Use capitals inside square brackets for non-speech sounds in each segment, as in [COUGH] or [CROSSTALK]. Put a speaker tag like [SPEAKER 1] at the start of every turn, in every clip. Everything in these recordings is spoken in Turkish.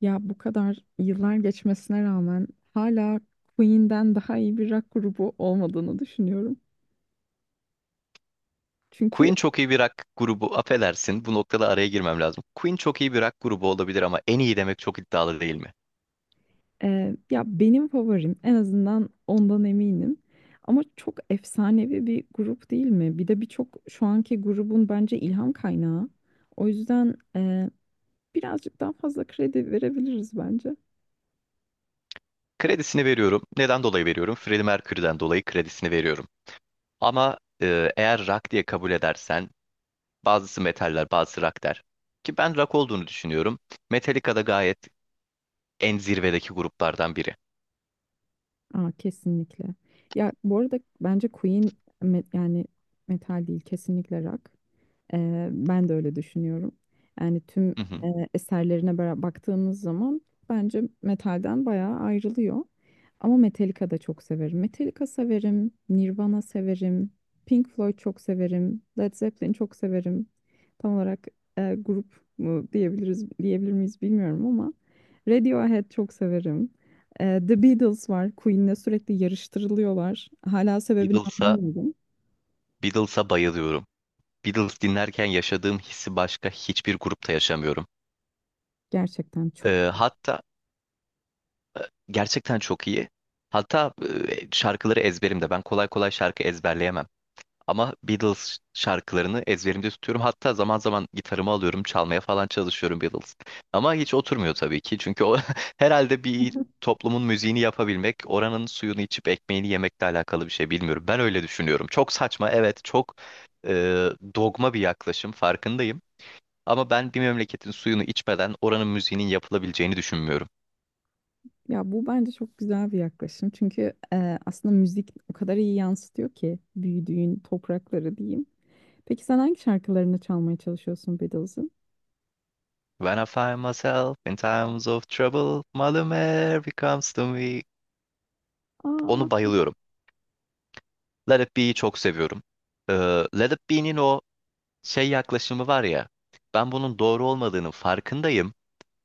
[SPEAKER 1] Ya bu kadar yıllar geçmesine rağmen hala Queen'den daha iyi bir rock grubu olmadığını düşünüyorum. Çünkü
[SPEAKER 2] Queen çok iyi bir rock grubu. Affedersin, bu noktada araya girmem lazım. Queen çok iyi bir rock grubu olabilir ama en iyi demek çok iddialı değil mi?
[SPEAKER 1] ya benim favorim en azından ondan eminim. Ama çok efsanevi bir grup değil mi? Bir de birçok şu anki grubun bence ilham kaynağı. O yüzden birazcık daha fazla kredi verebiliriz bence.
[SPEAKER 2] Kredisini veriyorum. Neden dolayı veriyorum? Freddie Mercury'den dolayı kredisini veriyorum. Ama eğer rock diye kabul edersen bazısı metaller, bazısı rock der. Ki ben rock olduğunu düşünüyorum. Metallica da gayet en zirvedeki gruplardan biri.
[SPEAKER 1] Aa, kesinlikle. Ya bu arada bence Queen yani metal değil kesinlikle rock. Ben de öyle düşünüyorum. Yani tüm
[SPEAKER 2] Hı hı.
[SPEAKER 1] eserlerine baktığımız zaman bence metalden bayağı ayrılıyor. Ama Metallica da çok severim. Metallica severim, Nirvana severim, Pink Floyd çok severim, Led Zeppelin çok severim. Tam olarak grup mu diyebilir miyiz bilmiyorum ama Radiohead çok severim. The Beatles var. Queen'le sürekli yarıştırılıyorlar. Hala sebebini
[SPEAKER 2] Beatles'a
[SPEAKER 1] anlamıyorum.
[SPEAKER 2] Beatles'a bayılıyorum. Beatles dinlerken yaşadığım hissi başka hiçbir grupta yaşamıyorum.
[SPEAKER 1] Gerçekten çok
[SPEAKER 2] E, hatta Gerçekten çok iyi. Hatta şarkıları ezberimde. Ben kolay kolay şarkı ezberleyemem. Ama Beatles şarkılarını ezberimde tutuyorum. Hatta zaman zaman gitarımı alıyorum, çalmaya falan çalışıyorum Beatles. Ama hiç oturmuyor tabii ki. Çünkü o [LAUGHS] herhalde bir toplumun müziğini yapabilmek, oranın suyunu içip ekmeğini yemekle alakalı bir şey bilmiyorum. Ben öyle düşünüyorum. Çok saçma, evet, çok e, dogma bir yaklaşım, farkındayım. Ama ben bir memleketin suyunu içmeden oranın müziğinin yapılabileceğini düşünmüyorum.
[SPEAKER 1] Ya bu bence çok güzel bir yaklaşım. Çünkü aslında müzik o kadar iyi yansıtıyor ki büyüdüğün toprakları diyeyim. Peki sen hangi şarkılarını çalmaya çalışıyorsun Beatles'ın?
[SPEAKER 2] When I find myself in times of trouble, Mother Mary comes to me. Onu
[SPEAKER 1] Aa,
[SPEAKER 2] bayılıyorum. Let It Be'yi çok seviyorum. Let It Be'nin o şey yaklaşımı var ya, ben bunun doğru olmadığının farkındayım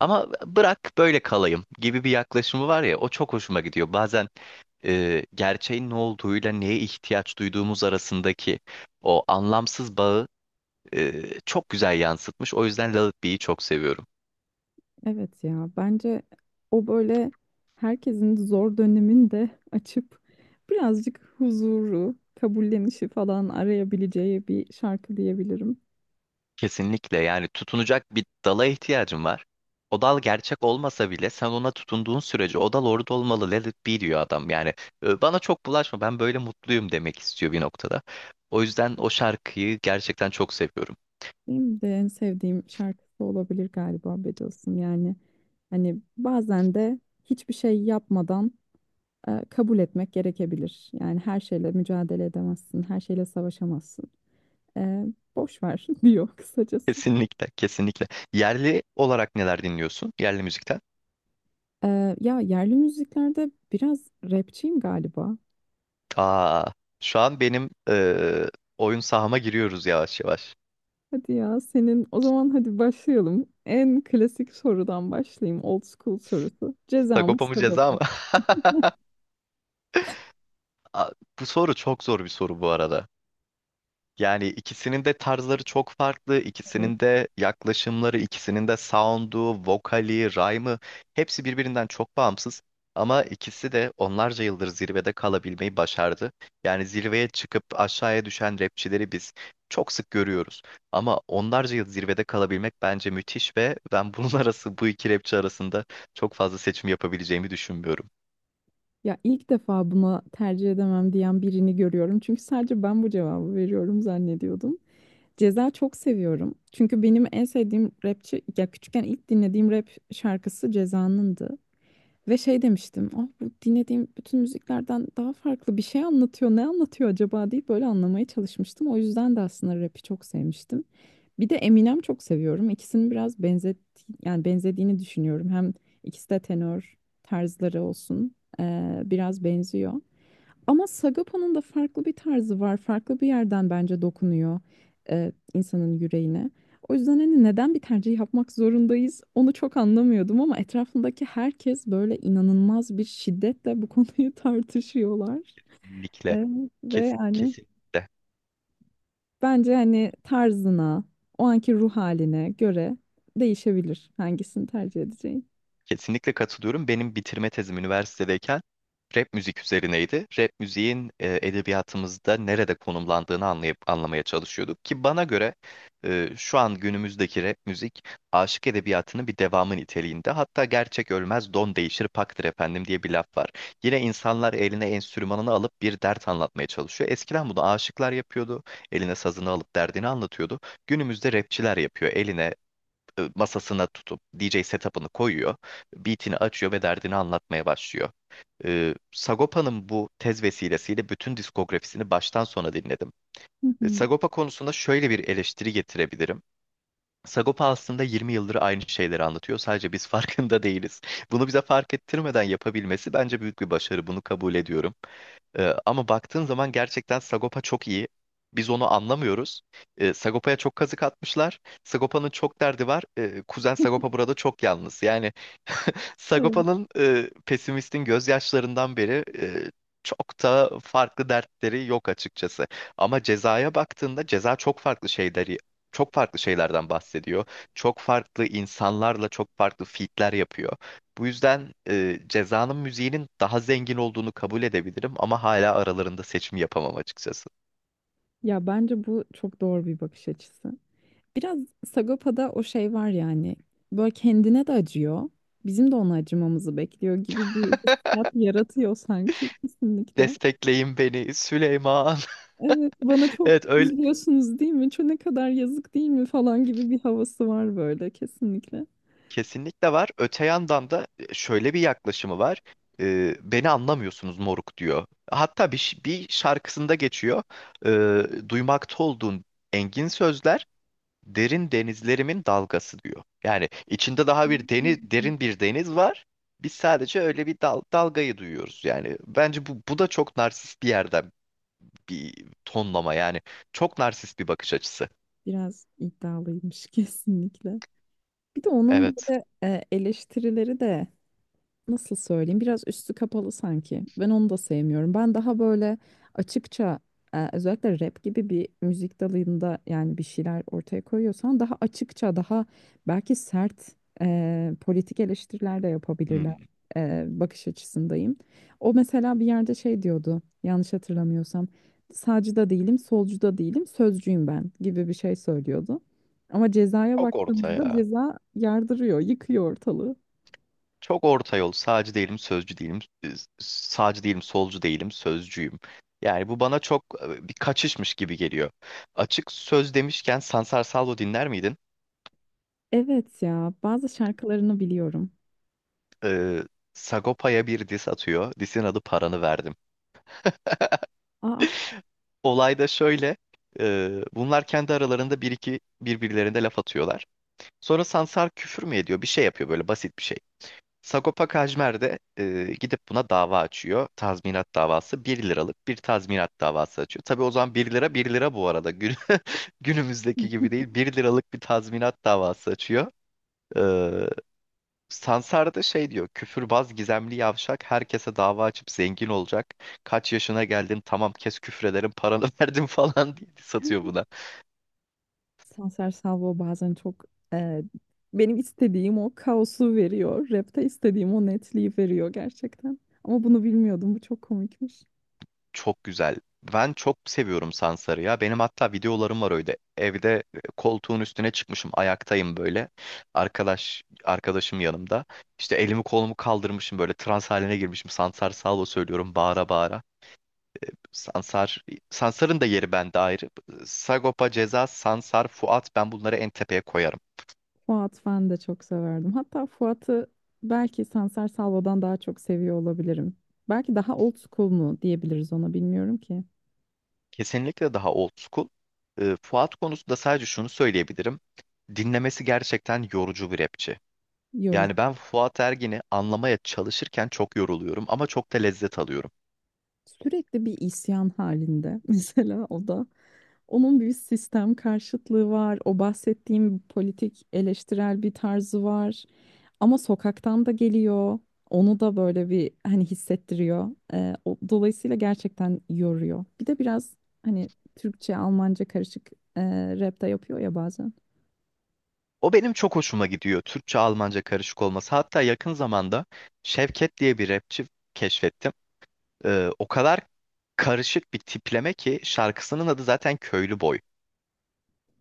[SPEAKER 2] ama bırak böyle kalayım gibi bir yaklaşımı var ya, o çok hoşuma gidiyor. Bazen gerçeğin ne olduğuyla neye ihtiyaç duyduğumuz arasındaki o anlamsız bağı çok güzel yansıtmış. O yüzden Let It Be'yi çok seviyorum.
[SPEAKER 1] evet ya bence o böyle herkesin zor döneminde [LAUGHS] açıp birazcık huzuru, kabullenişi falan arayabileceği bir şarkı diyebilirim.
[SPEAKER 2] Kesinlikle, yani tutunacak bir dala ihtiyacın var. O dal gerçek olmasa bile sen ona tutunduğun sürece o dal orada olmalı. Let it be diyor adam. Yani bana çok bulaşma, ben böyle mutluyum demek istiyor bir noktada. O yüzden o şarkıyı gerçekten çok seviyorum.
[SPEAKER 1] Benim de en sevdiğim şarkısı olabilir galiba Beatles'ın. Yani hani bazen de hiçbir şey yapmadan kabul etmek gerekebilir. Yani her şeyle mücadele edemezsin, her şeyle savaşamazsın. E, Boş ver [LAUGHS] diyor
[SPEAKER 2] [LAUGHS]
[SPEAKER 1] kısacası.
[SPEAKER 2] Kesinlikle, kesinlikle. Yerli olarak neler dinliyorsun? Yerli müzikten.
[SPEAKER 1] Ya yerli müziklerde biraz rapçiyim galiba.
[SPEAKER 2] Aa, şu an benim oyun sahama giriyoruz yavaş yavaş.
[SPEAKER 1] Hadi ya senin o zaman hadi başlayalım. En klasik sorudan başlayayım. Old school sorusu. Ceza mı
[SPEAKER 2] Sagopa mı, ceza
[SPEAKER 1] Sagopa
[SPEAKER 2] mı?
[SPEAKER 1] mı?
[SPEAKER 2] [LAUGHS] Aa, bu soru çok zor bir soru bu arada. Yani ikisinin de tarzları çok farklı,
[SPEAKER 1] Evet.
[SPEAKER 2] ikisinin de yaklaşımları, ikisinin de sound'u, vokali, rhyme'ı hepsi birbirinden çok bağımsız. Ama ikisi de onlarca yıldır zirvede kalabilmeyi başardı. Yani zirveye çıkıp aşağıya düşen rapçileri biz çok sık görüyoruz. Ama onlarca yıl zirvede kalabilmek bence müthiş ve ben bunun [LAUGHS] arası bu iki rapçi arasında çok fazla seçim yapabileceğimi düşünmüyorum.
[SPEAKER 1] Ya ilk defa buna tercih edemem diyen birini görüyorum. Çünkü sadece ben bu cevabı veriyorum zannediyordum. Ceza çok seviyorum. Çünkü benim en sevdiğim rapçi ya küçükken ilk dinlediğim rap şarkısı Ceza'nındı. Ve şey demiştim. Ah bu dinlediğim bütün müziklerden daha farklı bir şey anlatıyor. Ne anlatıyor acaba deyip böyle anlamaya çalışmıştım. O yüzden de aslında rap'i çok sevmiştim. Bir de Eminem çok seviyorum. İkisinin biraz yani benzediğini düşünüyorum. Hem ikisi de tenör tarzları olsun. Biraz benziyor. Ama Sagopa'nın da farklı bir tarzı var. Farklı bir yerden bence dokunuyor insanın yüreğine. O yüzden hani neden bir tercih yapmak zorundayız onu çok anlamıyordum ama etrafındaki herkes böyle inanılmaz bir şiddetle bu konuyu [LAUGHS] tartışıyorlar.
[SPEAKER 2] Kesinlikle.
[SPEAKER 1] E, ve
[SPEAKER 2] Kes,
[SPEAKER 1] yani
[SPEAKER 2] kesinlikle.
[SPEAKER 1] Bence hani tarzına, o anki ruh haline göre değişebilir hangisini tercih edeceğin.
[SPEAKER 2] Kesinlikle katılıyorum. Benim bitirme tezim üniversitedeyken rap müzik üzerineydi. Rap müziğin edebiyatımızda nerede konumlandığını anlayıp anlamaya çalışıyorduk ki bana göre şu an günümüzdeki rap müzik aşık edebiyatının bir devamı niteliğinde. Hatta gerçek ölmez, don değişir paktır efendim diye bir laf var. Yine insanlar eline enstrümanını alıp bir dert anlatmaya çalışıyor. Eskiden bunu aşıklar yapıyordu. Eline sazını alıp derdini anlatıyordu. Günümüzde rapçiler yapıyor. Eline masasına tutup DJ setup'ını koyuyor. Beat'ini açıyor ve derdini anlatmaya başlıyor. Sagopa'nın bu tez vesilesiyle bütün diskografisini baştan sona dinledim.
[SPEAKER 1] Hı hı.
[SPEAKER 2] Sagopa konusunda şöyle bir eleştiri getirebilirim. Sagopa aslında 20 yıldır aynı şeyleri anlatıyor. Sadece biz [LAUGHS] farkında değiliz. Bunu bize fark ettirmeden yapabilmesi bence büyük bir başarı. Bunu kabul ediyorum. Ama baktığın zaman gerçekten Sagopa çok iyi. Biz onu anlamıyoruz. Sagopa'ya çok kazık atmışlar. Sagopa'nın çok derdi var. Kuzen Sagopa burada çok yalnız. Yani
[SPEAKER 1] Evet.
[SPEAKER 2] Sagopa'nın pesimistin gözyaşlarından beri çok da farklı dertleri yok açıkçası. Ama cezaya baktığında ceza çok farklı şeylerden bahsediyor. Çok farklı insanlarla çok farklı feat'ler yapıyor. Bu yüzden cezanın müziğinin daha zengin olduğunu kabul edebilirim ama hala aralarında seçim yapamam açıkçası.
[SPEAKER 1] Ya bence bu çok doğru bir bakış açısı. Biraz Sagopa'da o şey var yani. Böyle kendine de acıyor. Bizim de ona acımamızı bekliyor gibi bir hissiyat yaratıyor sanki kesinlikle.
[SPEAKER 2] Destekleyin beni Süleyman. [LAUGHS]
[SPEAKER 1] Evet, bana çok
[SPEAKER 2] Evet, öyle.
[SPEAKER 1] üzülüyorsunuz değil mi? Çok ne kadar yazık değil mi falan gibi bir havası var böyle kesinlikle.
[SPEAKER 2] Kesinlikle var. Öte yandan da şöyle bir yaklaşımı var. Beni anlamıyorsunuz moruk diyor. Hatta bir şarkısında geçiyor. Duymakta olduğun engin sözler derin denizlerimin dalgası diyor. Yani içinde daha
[SPEAKER 1] Hmm.
[SPEAKER 2] derin bir deniz var. Biz sadece öyle bir dalgayı duyuyoruz. Yani bence bu da çok narsist bir yerden bir tonlama. Yani çok narsist bir bakış açısı.
[SPEAKER 1] Biraz iddialıymış [LAUGHS] kesinlikle. Bir de onun
[SPEAKER 2] Evet.
[SPEAKER 1] böyle eleştirileri de nasıl söyleyeyim biraz üstü kapalı sanki. Ben onu da sevmiyorum. Ben daha böyle açıkça özellikle rap gibi bir müzik dalında yani bir şeyler ortaya koyuyorsan daha açıkça daha belki sert politik eleştiriler de yapabilirler
[SPEAKER 2] Hmm.
[SPEAKER 1] bakış açısındayım. O mesela bir yerde şey diyordu yanlış hatırlamıyorsam sağcı da değilim solcu da değilim sözcüyüm ben gibi bir şey söylüyordu. Ama cezaya
[SPEAKER 2] Çok orta
[SPEAKER 1] baktığımızda
[SPEAKER 2] ya.
[SPEAKER 1] ceza yardırıyor, yıkıyor ortalığı.
[SPEAKER 2] Çok orta yol. Sağcı değilim, sözcü değilim. e, Sağcı değilim, solcu değilim, sözcüyüm. Yani bu bana çok bir kaçışmış gibi geliyor. Açık söz demişken Sansar Salvo dinler miydin?
[SPEAKER 1] Evet ya bazı şarkılarını biliyorum.
[SPEAKER 2] Ee, Sagopa'ya bir diss atıyor. Diss'in adı Paranı Verdim.
[SPEAKER 1] Aa,
[SPEAKER 2] Olay da şöyle. Bunlar kendi aralarında bir iki birbirlerine laf atıyorlar. Sonra Sansar küfür mü ediyor? Bir şey yapıyor böyle, basit bir şey. Sagopa Kajmer de gidip buna dava açıyor. Tazminat davası, bir liralık bir tazminat davası açıyor. Tabii o zaman bir lira bir lira bu arada. Gün, [LAUGHS] günümüzdeki gibi
[SPEAKER 1] neden?
[SPEAKER 2] değil, bir liralık bir tazminat davası açıyor. Ee, Sansar da şey diyor: küfürbaz gizemli yavşak herkese dava açıp zengin olacak. Kaç yaşına geldin, tamam kes, küfrederim paranı [LAUGHS] verdim falan diye satıyor.
[SPEAKER 1] Sanser Salvo bazen çok e, benim istediğim o kaosu veriyor. Rap'te istediğim o netliği veriyor gerçekten. Ama bunu bilmiyordum. Bu çok komikmiş.
[SPEAKER 2] Çok güzel. Ben çok seviyorum Sansar'ı ya. Benim hatta videolarım var öyle. Evde koltuğun üstüne çıkmışım, ayaktayım böyle. Arkadaşım yanımda. İşte elimi kolumu kaldırmışım böyle, trans haline girmişim. Sansar Salvo söylüyorum bağıra bağıra. Sansar Sansar'ın da yeri bende ayrı. Sagopa, Ceza, Sansar, Fuat, ben bunları en tepeye koyarım.
[SPEAKER 1] Fuat ben de çok severdim. Hatta Fuat'ı belki Sanser Salvo'dan daha çok seviyor olabilirim. Belki daha old school mu diyebiliriz ona bilmiyorum ki.
[SPEAKER 2] Kesinlikle daha old school. Fuat konusunda sadece şunu söyleyebilirim. Dinlemesi gerçekten yorucu bir rapçi.
[SPEAKER 1] Yorucu.
[SPEAKER 2] Yani ben Fuat Ergin'i anlamaya çalışırken çok yoruluyorum ama çok da lezzet alıyorum.
[SPEAKER 1] Sürekli bir isyan halinde [LAUGHS] mesela o da. Onun bir sistem karşıtlığı var. O bahsettiğim politik eleştirel bir tarzı var. Ama sokaktan da geliyor. Onu da böyle bir hani hissettiriyor. O, dolayısıyla gerçekten yoruyor. Bir de biraz hani Türkçe, Almanca karışık e, rap de yapıyor ya bazen.
[SPEAKER 2] O benim çok hoşuma gidiyor, Türkçe Almanca karışık olması. Hatta yakın zamanda Şevket diye bir rapçi keşfettim. O kadar karışık bir tipleme ki şarkısının adı zaten Köylü Boy.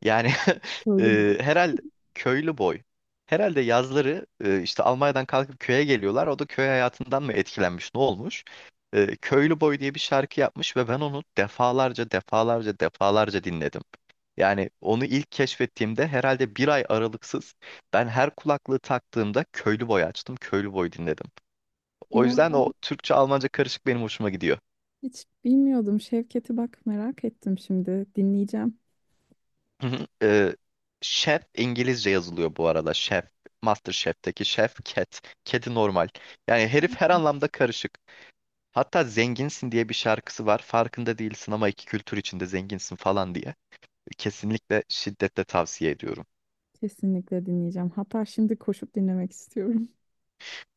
[SPEAKER 2] Yani [LAUGHS]
[SPEAKER 1] Köylü bu.
[SPEAKER 2] herhalde köylü boy. Herhalde yazları işte Almanya'dan kalkıp köye geliyorlar. O da köy hayatından mı etkilenmiş, ne olmuş? Köylü boy diye bir şarkı yapmış ve ben onu defalarca, defalarca, defalarca dinledim. Yani onu ilk keşfettiğimde herhalde bir ay aralıksız ben her kulaklığı taktığımda köylü boy açtım, köylü boy dinledim. O
[SPEAKER 1] Ya
[SPEAKER 2] yüzden
[SPEAKER 1] ben
[SPEAKER 2] o Türkçe-Almanca karışık benim hoşuma gidiyor.
[SPEAKER 1] hiç bilmiyordum Şevket'i bak merak ettim şimdi. Dinleyeceğim.
[SPEAKER 2] Hı hı. Chef İngilizce yazılıyor bu arada. Chef. MasterChef'teki Chef. Cat, kedi normal. Yani herif her anlamda karışık. Hatta zenginsin diye bir şarkısı var. Farkında değilsin ama iki kültür içinde zenginsin falan diye. Kesinlikle şiddetle tavsiye ediyorum.
[SPEAKER 1] Kesinlikle dinleyeceğim. Hatta şimdi koşup dinlemek istiyorum.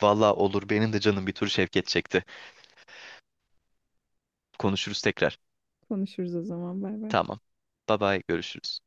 [SPEAKER 2] Valla olur, benim de canım bir tur Şevket çekti. Konuşuruz tekrar.
[SPEAKER 1] [LAUGHS] Konuşuruz o zaman. Bay bay.
[SPEAKER 2] Tamam. Bye bye, görüşürüz.